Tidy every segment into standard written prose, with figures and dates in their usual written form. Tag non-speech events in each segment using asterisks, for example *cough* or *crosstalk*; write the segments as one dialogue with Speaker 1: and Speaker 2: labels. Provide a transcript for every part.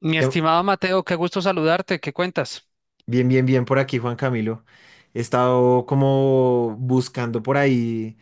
Speaker 1: Mi
Speaker 2: Que-
Speaker 1: estimado Mateo, qué gusto saludarte, ¿qué cuentas?
Speaker 2: Bien, bien, bien por aquí, Juan Camilo. He estado como buscando por ahí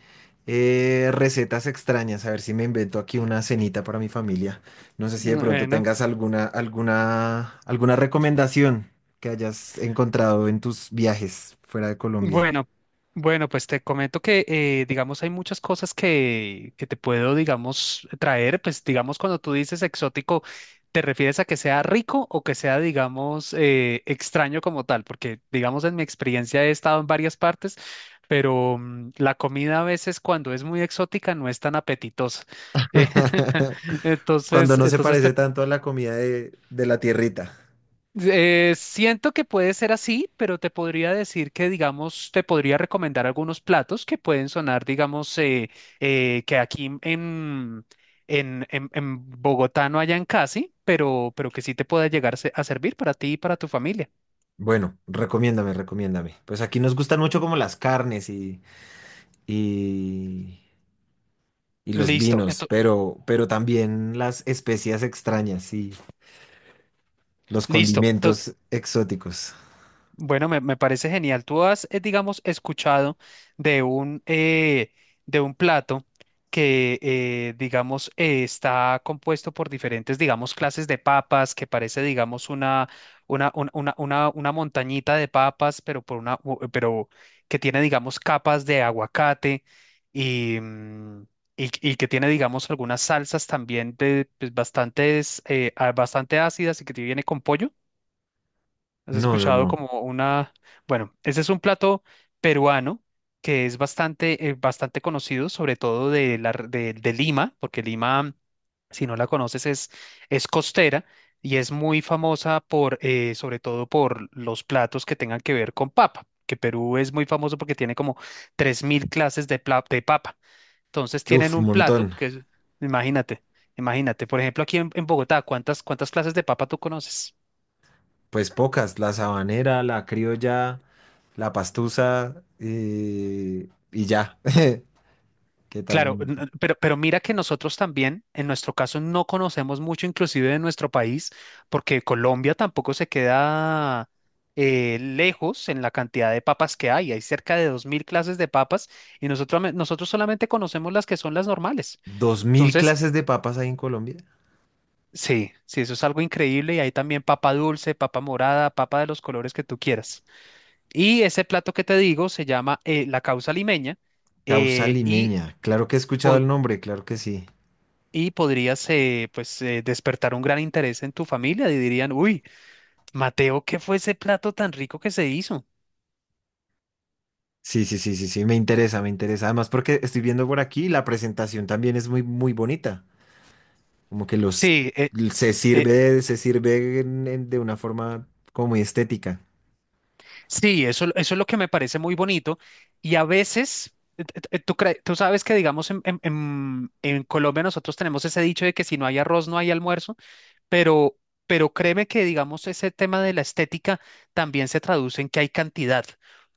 Speaker 2: recetas extrañas, a ver si me invento aquí una cenita para mi familia. No sé si de pronto
Speaker 1: Bueno,
Speaker 2: tengas alguna recomendación que hayas encontrado en tus viajes fuera de Colombia.
Speaker 1: bueno, bueno, pues te comento que, digamos, hay muchas cosas que te puedo, digamos, traer, pues, digamos, cuando tú dices exótico, ¿te refieres a que sea rico o que sea, digamos, extraño como tal? Porque, digamos, en mi experiencia he estado en varias partes, pero la comida a veces cuando es muy exótica no es tan apetitosa. *laughs* Eh,
Speaker 2: *laughs*
Speaker 1: *laughs*
Speaker 2: Cuando
Speaker 1: entonces,
Speaker 2: no se
Speaker 1: entonces te
Speaker 2: parece tanto a la comida de la tierrita.
Speaker 1: Siento que puede ser así, pero te podría decir que, digamos, te podría recomendar algunos platos que pueden sonar, digamos, que aquí en Bogotá no hayan casi, pero que sí te pueda llegar a servir para ti y para tu familia.
Speaker 2: Bueno, recomiéndame. Pues aquí nos gustan mucho como las carnes y y los
Speaker 1: Listo,
Speaker 2: vinos,
Speaker 1: ento-
Speaker 2: pero también las especias extrañas y los
Speaker 1: listo.
Speaker 2: condimentos exóticos.
Speaker 1: Bueno, me parece genial. Tú has, digamos, escuchado de un, eh, de un plato que, digamos, está compuesto por diferentes, digamos, clases de papas, que parece, digamos, una, un- una montañita de papas, pero, pero que tiene, digamos, capas de aguacate y, y que tiene, digamos, algunas salsas también de, pues, bastantes, bastante ácidas y que te viene con pollo. ¿Has
Speaker 2: No, no,
Speaker 1: escuchado
Speaker 2: no.
Speaker 1: como una, bueno, ese es un plato peruano que es bastante, bastante conocido, sobre todo de, de Lima, porque Lima, si no la conoces, es costera y es muy famosa por, sobre todo por los platos que tengan que ver con papa, que Perú es muy famoso porque tiene como 3000 clases de, de papa. Entonces tienen
Speaker 2: Uf,
Speaker 1: un plato
Speaker 2: montón.
Speaker 1: que es, imagínate, imagínate, por ejemplo, aquí en Bogotá, ¿cuántas, cuántas clases de papa tú conoces?
Speaker 2: Pues pocas, la sabanera, la criolla, la pastusa y ya. *laughs* ¿Qué tal?
Speaker 1: Claro, pero mira que nosotros también, en nuestro caso, no conocemos mucho inclusive de nuestro país, porque Colombia tampoco se queda lejos en la cantidad de papas que hay. Hay cerca de 2000 clases de papas y nosotros, nosotros solamente conocemos las que son las normales.
Speaker 2: ¿2.000
Speaker 1: Entonces,
Speaker 2: clases de papas hay en Colombia?
Speaker 1: sí, sí, eso es algo increíble y hay también papa dulce, papa morada, papa de los colores que tú quieras. Y ese plato que te digo se llama la causa limeña
Speaker 2: Causa
Speaker 1: eh, y...
Speaker 2: limeña. Claro que he escuchado el nombre, claro que sí.
Speaker 1: y podrías pues despertar un gran interés en tu familia y dirían, uy, Mateo, ¿qué fue ese plato tan rico que se hizo?
Speaker 2: Sí, sí, sí, sí, sí, me interesa. Además, porque estoy viendo por aquí, la presentación también es muy bonita. Como que los
Speaker 1: Sí, eh,
Speaker 2: se sirve de una forma como muy estética.
Speaker 1: sí, eso es lo que me parece muy bonito y a veces... Tú, tú sabes que, digamos, en Colombia nosotros tenemos ese dicho de que si no hay arroz no hay almuerzo. pero, pero créeme que, digamos, ese tema de la estética también se traduce en que hay cantidad.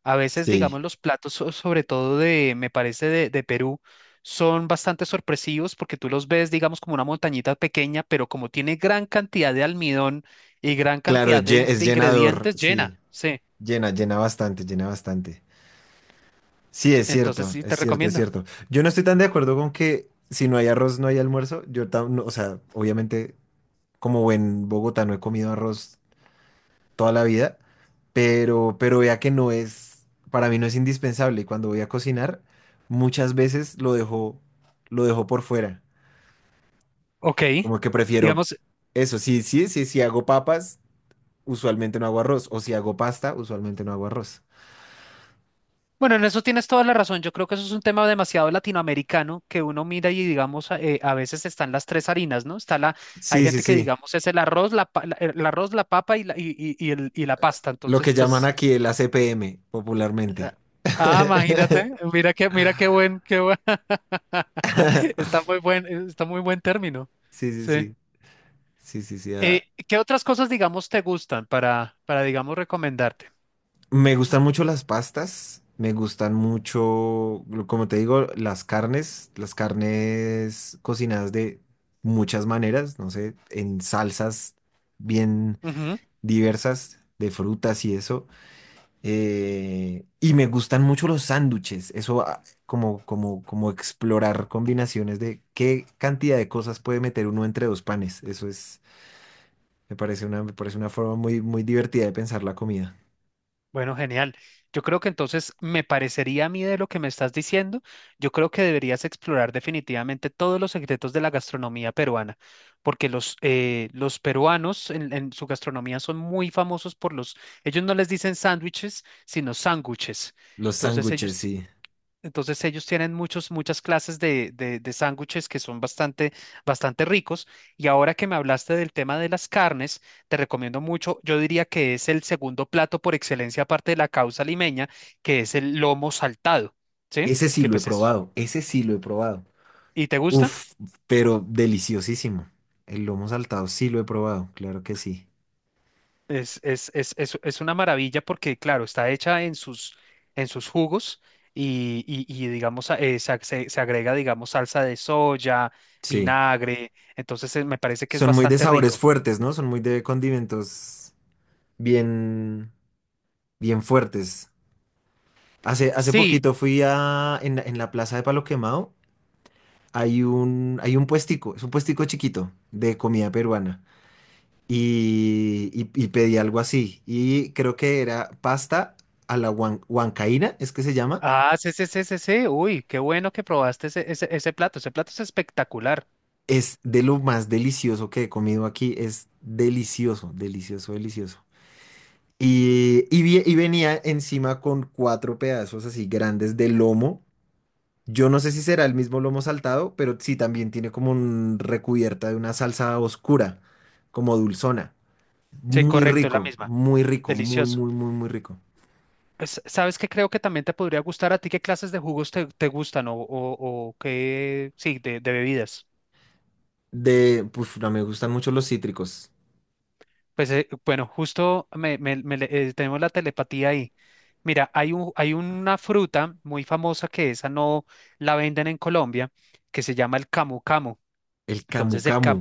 Speaker 1: A veces,
Speaker 2: Sí,
Speaker 1: digamos, los platos, sobre todo de, me parece, de Perú, son bastante sorpresivos porque tú los ves, digamos, como una montañita pequeña, pero como tiene gran cantidad de almidón y gran
Speaker 2: claro,
Speaker 1: cantidad de,
Speaker 2: es
Speaker 1: de
Speaker 2: llenador,
Speaker 1: ingredientes,
Speaker 2: sí,
Speaker 1: llena. Sí,
Speaker 2: llena bastante. Sí, es
Speaker 1: entonces
Speaker 2: cierto,
Speaker 1: sí
Speaker 2: es
Speaker 1: te
Speaker 2: cierto, es
Speaker 1: recomiendo.
Speaker 2: cierto. Yo no estoy tan de acuerdo con que si no hay arroz no hay almuerzo. No, o sea, obviamente como en Bogotá no he comido arroz toda la vida, pero vea que no es, para mí no es indispensable. Y cuando voy a cocinar, muchas veces lo dejo por fuera.
Speaker 1: Ok.
Speaker 2: Como que prefiero
Speaker 1: Digamos,
Speaker 2: eso. Sí, sí, sí, si hago papas, usualmente no hago arroz. O si hago pasta, usualmente no hago arroz.
Speaker 1: bueno, en eso tienes toda la razón. Yo creo que eso es un tema demasiado latinoamericano que uno mira y digamos, a veces están las tres harinas, ¿no? Está la, hay
Speaker 2: Sí, sí,
Speaker 1: gente que
Speaker 2: sí.
Speaker 1: digamos es el arroz, el arroz, la papa y la, y el- y la pasta.
Speaker 2: Lo
Speaker 1: Entonces,
Speaker 2: que llaman
Speaker 1: pues,
Speaker 2: aquí el ACPM,
Speaker 1: ah,
Speaker 2: popularmente.
Speaker 1: ah, imagínate,
Speaker 2: *laughs*
Speaker 1: mira qué buen, *laughs* está muy buen término.
Speaker 2: Sí, sí,
Speaker 1: Sí.
Speaker 2: sí. Sí, sí, sí.
Speaker 1: Eh,
Speaker 2: Ah.
Speaker 1: ¿Qué otras cosas, digamos, te gustan para, digamos, recomendarte?
Speaker 2: Me gustan mucho las pastas. Como te digo, las carnes. Las carnes cocinadas de muchas maneras, no sé, en salsas bien diversas, de frutas y eso. Y me gustan mucho los sándwiches. Eso, ah, como explorar combinaciones de qué cantidad de cosas puede meter uno entre dos panes. Me parece una forma muy divertida de pensar la comida.
Speaker 1: Bueno, genial. Yo creo que entonces me parecería a mí de lo que me estás diciendo, yo creo que deberías explorar definitivamente todos los secretos de la gastronomía peruana, porque los peruanos en su gastronomía son muy famosos por los, ellos no les dicen sándwiches, sino sándwiches.
Speaker 2: Los
Speaker 1: Entonces
Speaker 2: sándwiches,
Speaker 1: ellos
Speaker 2: sí.
Speaker 1: entonces ellos tienen muchos, muchas clases de sándwiches que son bastante, bastante ricos. Y ahora que me hablaste del tema de las carnes, te recomiendo mucho, yo diría que es el segundo plato por excelencia aparte de la causa limeña, que es el lomo saltado, ¿sí?
Speaker 2: Ese sí
Speaker 1: Que
Speaker 2: lo he
Speaker 1: pues es,
Speaker 2: probado. Ese sí lo he probado.
Speaker 1: ¿y te gusta?
Speaker 2: Uf, pero deliciosísimo. El lomo saltado sí lo he probado, claro que sí.
Speaker 1: Es una maravilla porque, claro, está hecha en sus jugos y, digamos, a- se, ag- se se agrega, digamos, salsa de soya,
Speaker 2: Sí.
Speaker 1: vinagre. Entonces me parece que es
Speaker 2: Son muy de
Speaker 1: bastante
Speaker 2: sabores
Speaker 1: rico.
Speaker 2: fuertes, ¿no? Son muy de condimentos bien, bien fuertes. Hace
Speaker 1: Sí,
Speaker 2: poquito fui a, en la plaza de Palo Quemado, hay un puestico, es un puestico chiquito de comida peruana. Y pedí algo así. Y creo que era pasta a la huancaína, es que se llama.
Speaker 1: ah, sí. Uy, qué bueno que probaste ese, ese, ese plato. Ese plato es espectacular.
Speaker 2: Es de lo más delicioso que he comido aquí. Es delicioso, delicioso, delicioso. Y venía encima con cuatro pedazos así grandes de lomo. Yo no sé si será el mismo lomo saltado, pero sí también tiene como un recubierta de una salsa oscura, como dulzona.
Speaker 1: Sí,
Speaker 2: Muy
Speaker 1: correcto, es la
Speaker 2: rico,
Speaker 1: misma.
Speaker 2: muy rico, muy,
Speaker 1: Delicioso.
Speaker 2: muy, muy, muy rico.
Speaker 1: Pues, ¿sabes qué? Creo que también te podría gustar a ti. ¿Qué clases de jugos te gustan o qué? Sí, de bebidas.
Speaker 2: De, pues, no, me gustan mucho los cítricos.
Speaker 1: Pues bueno, justo tenemos la telepatía ahí. Mira, hay un, hay una fruta muy famosa que esa no la venden en Colombia, que se llama el camu camu.
Speaker 2: El camu
Speaker 1: Entonces el
Speaker 2: camu.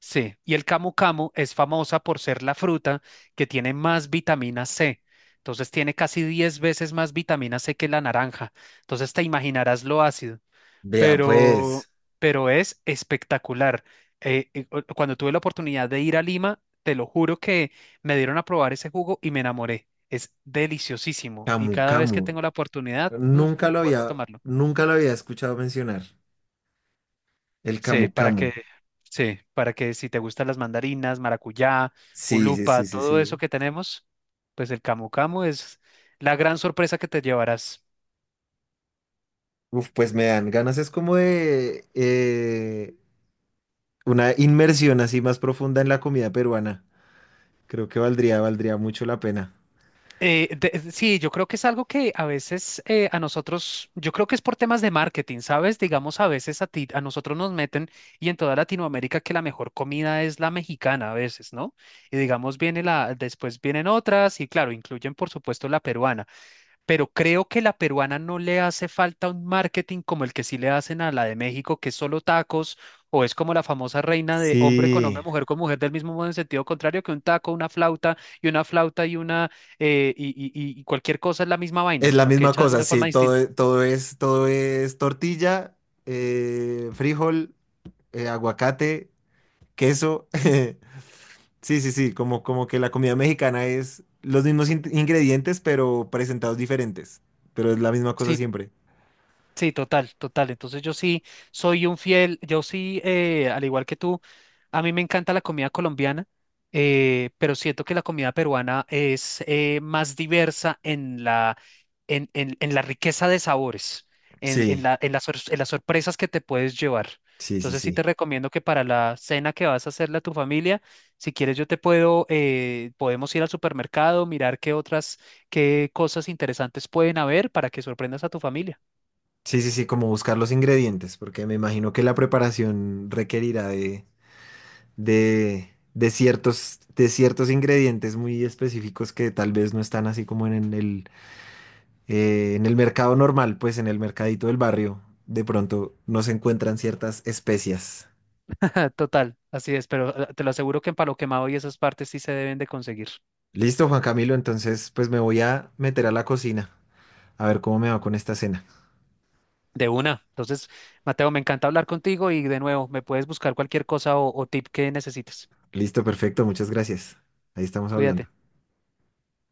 Speaker 1: sí, y el camu camu es famosa por ser la fruta que tiene más vitamina C. Entonces tiene casi 10 veces más vitamina C que la naranja. Entonces te imaginarás lo ácido,
Speaker 2: Vea,
Speaker 1: pero,
Speaker 2: pues,
Speaker 1: pero es espectacular. Cuando tuve la oportunidad de ir a Lima, te lo juro que me dieron a probar ese jugo y me enamoré. Es deliciosísimo y
Speaker 2: camu
Speaker 1: cada vez que
Speaker 2: camu.
Speaker 1: tengo la oportunidad,
Speaker 2: Nunca lo
Speaker 1: vuelvo a
Speaker 2: había,
Speaker 1: tomarlo.
Speaker 2: nunca lo había escuchado mencionar. El
Speaker 1: Sí,
Speaker 2: camu
Speaker 1: para
Speaker 2: camu.
Speaker 1: que, sí, para que si te gustan las mandarinas, maracuyá,
Speaker 2: Sí, sí,
Speaker 1: ulupa,
Speaker 2: sí, sí,
Speaker 1: todo eso
Speaker 2: sí.
Speaker 1: que tenemos, pues el camu camu es la gran sorpresa que te llevarás.
Speaker 2: Uf, pues me dan ganas, es como de una inmersión así más profunda en la comida peruana. Creo que valdría mucho la pena.
Speaker 1: Sí, yo creo que es algo que a veces a nosotros, yo creo que es por temas de marketing, ¿sabes? Digamos, a veces a ti, a nosotros nos meten y en toda Latinoamérica que la mejor comida es la mexicana a veces, ¿no? Y digamos, viene la, después vienen otras y claro, incluyen por supuesto la peruana. Pero creo que la peruana no le hace falta un marketing como el que sí le hacen a la de México, que es solo tacos, o es como la famosa reina de hombre con hombre,
Speaker 2: Sí,
Speaker 1: mujer con mujer, del mismo modo en sentido contrario, que un taco, una flauta y una flauta y una y cualquier cosa es la misma vaina,
Speaker 2: es la
Speaker 1: sino que
Speaker 2: misma
Speaker 1: hecha de
Speaker 2: cosa,
Speaker 1: una
Speaker 2: sí,
Speaker 1: forma distinta.
Speaker 2: todo es tortilla, frijol, aguacate, queso. *laughs* Sí, sí, sí, como que la comida mexicana es los mismos ingredientes, pero presentados diferentes, pero es la misma cosa
Speaker 1: Sí,
Speaker 2: siempre.
Speaker 1: sí, total, total. Entonces yo sí soy un fiel, yo sí, al igual que tú, a mí me encanta la comida colombiana, pero siento que la comida peruana es más diversa en la, en la riqueza de sabores,
Speaker 2: Sí,
Speaker 1: en las, en las sorpresas que te puedes llevar.
Speaker 2: sí, sí,
Speaker 1: Entonces sí te
Speaker 2: sí.
Speaker 1: recomiendo que para la cena que vas a hacerle a tu familia, si quieres yo te puedo, podemos ir al supermercado, mirar qué otras, qué cosas interesantes pueden haber para que sorprendas a tu familia.
Speaker 2: Sí, sí, sí, como buscar los ingredientes, porque me imagino que la preparación requerirá de ciertos ingredientes muy específicos que tal vez no están así como en en el mercado normal, pues en el mercadito del barrio, de pronto no se encuentran ciertas especias.
Speaker 1: *laughs* Total, así es, pero te lo aseguro que en Palo Quemado y esas partes sí se deben de conseguir.
Speaker 2: Listo, Juan Camilo, entonces pues me voy a meter a la cocina a ver cómo me va con esta cena.
Speaker 1: De una. Entonces, Mateo, me encanta hablar contigo y de nuevo, me puedes buscar cualquier cosa o tip que necesites.
Speaker 2: Listo, perfecto, muchas gracias. Ahí estamos
Speaker 1: Cuídate.
Speaker 2: hablando.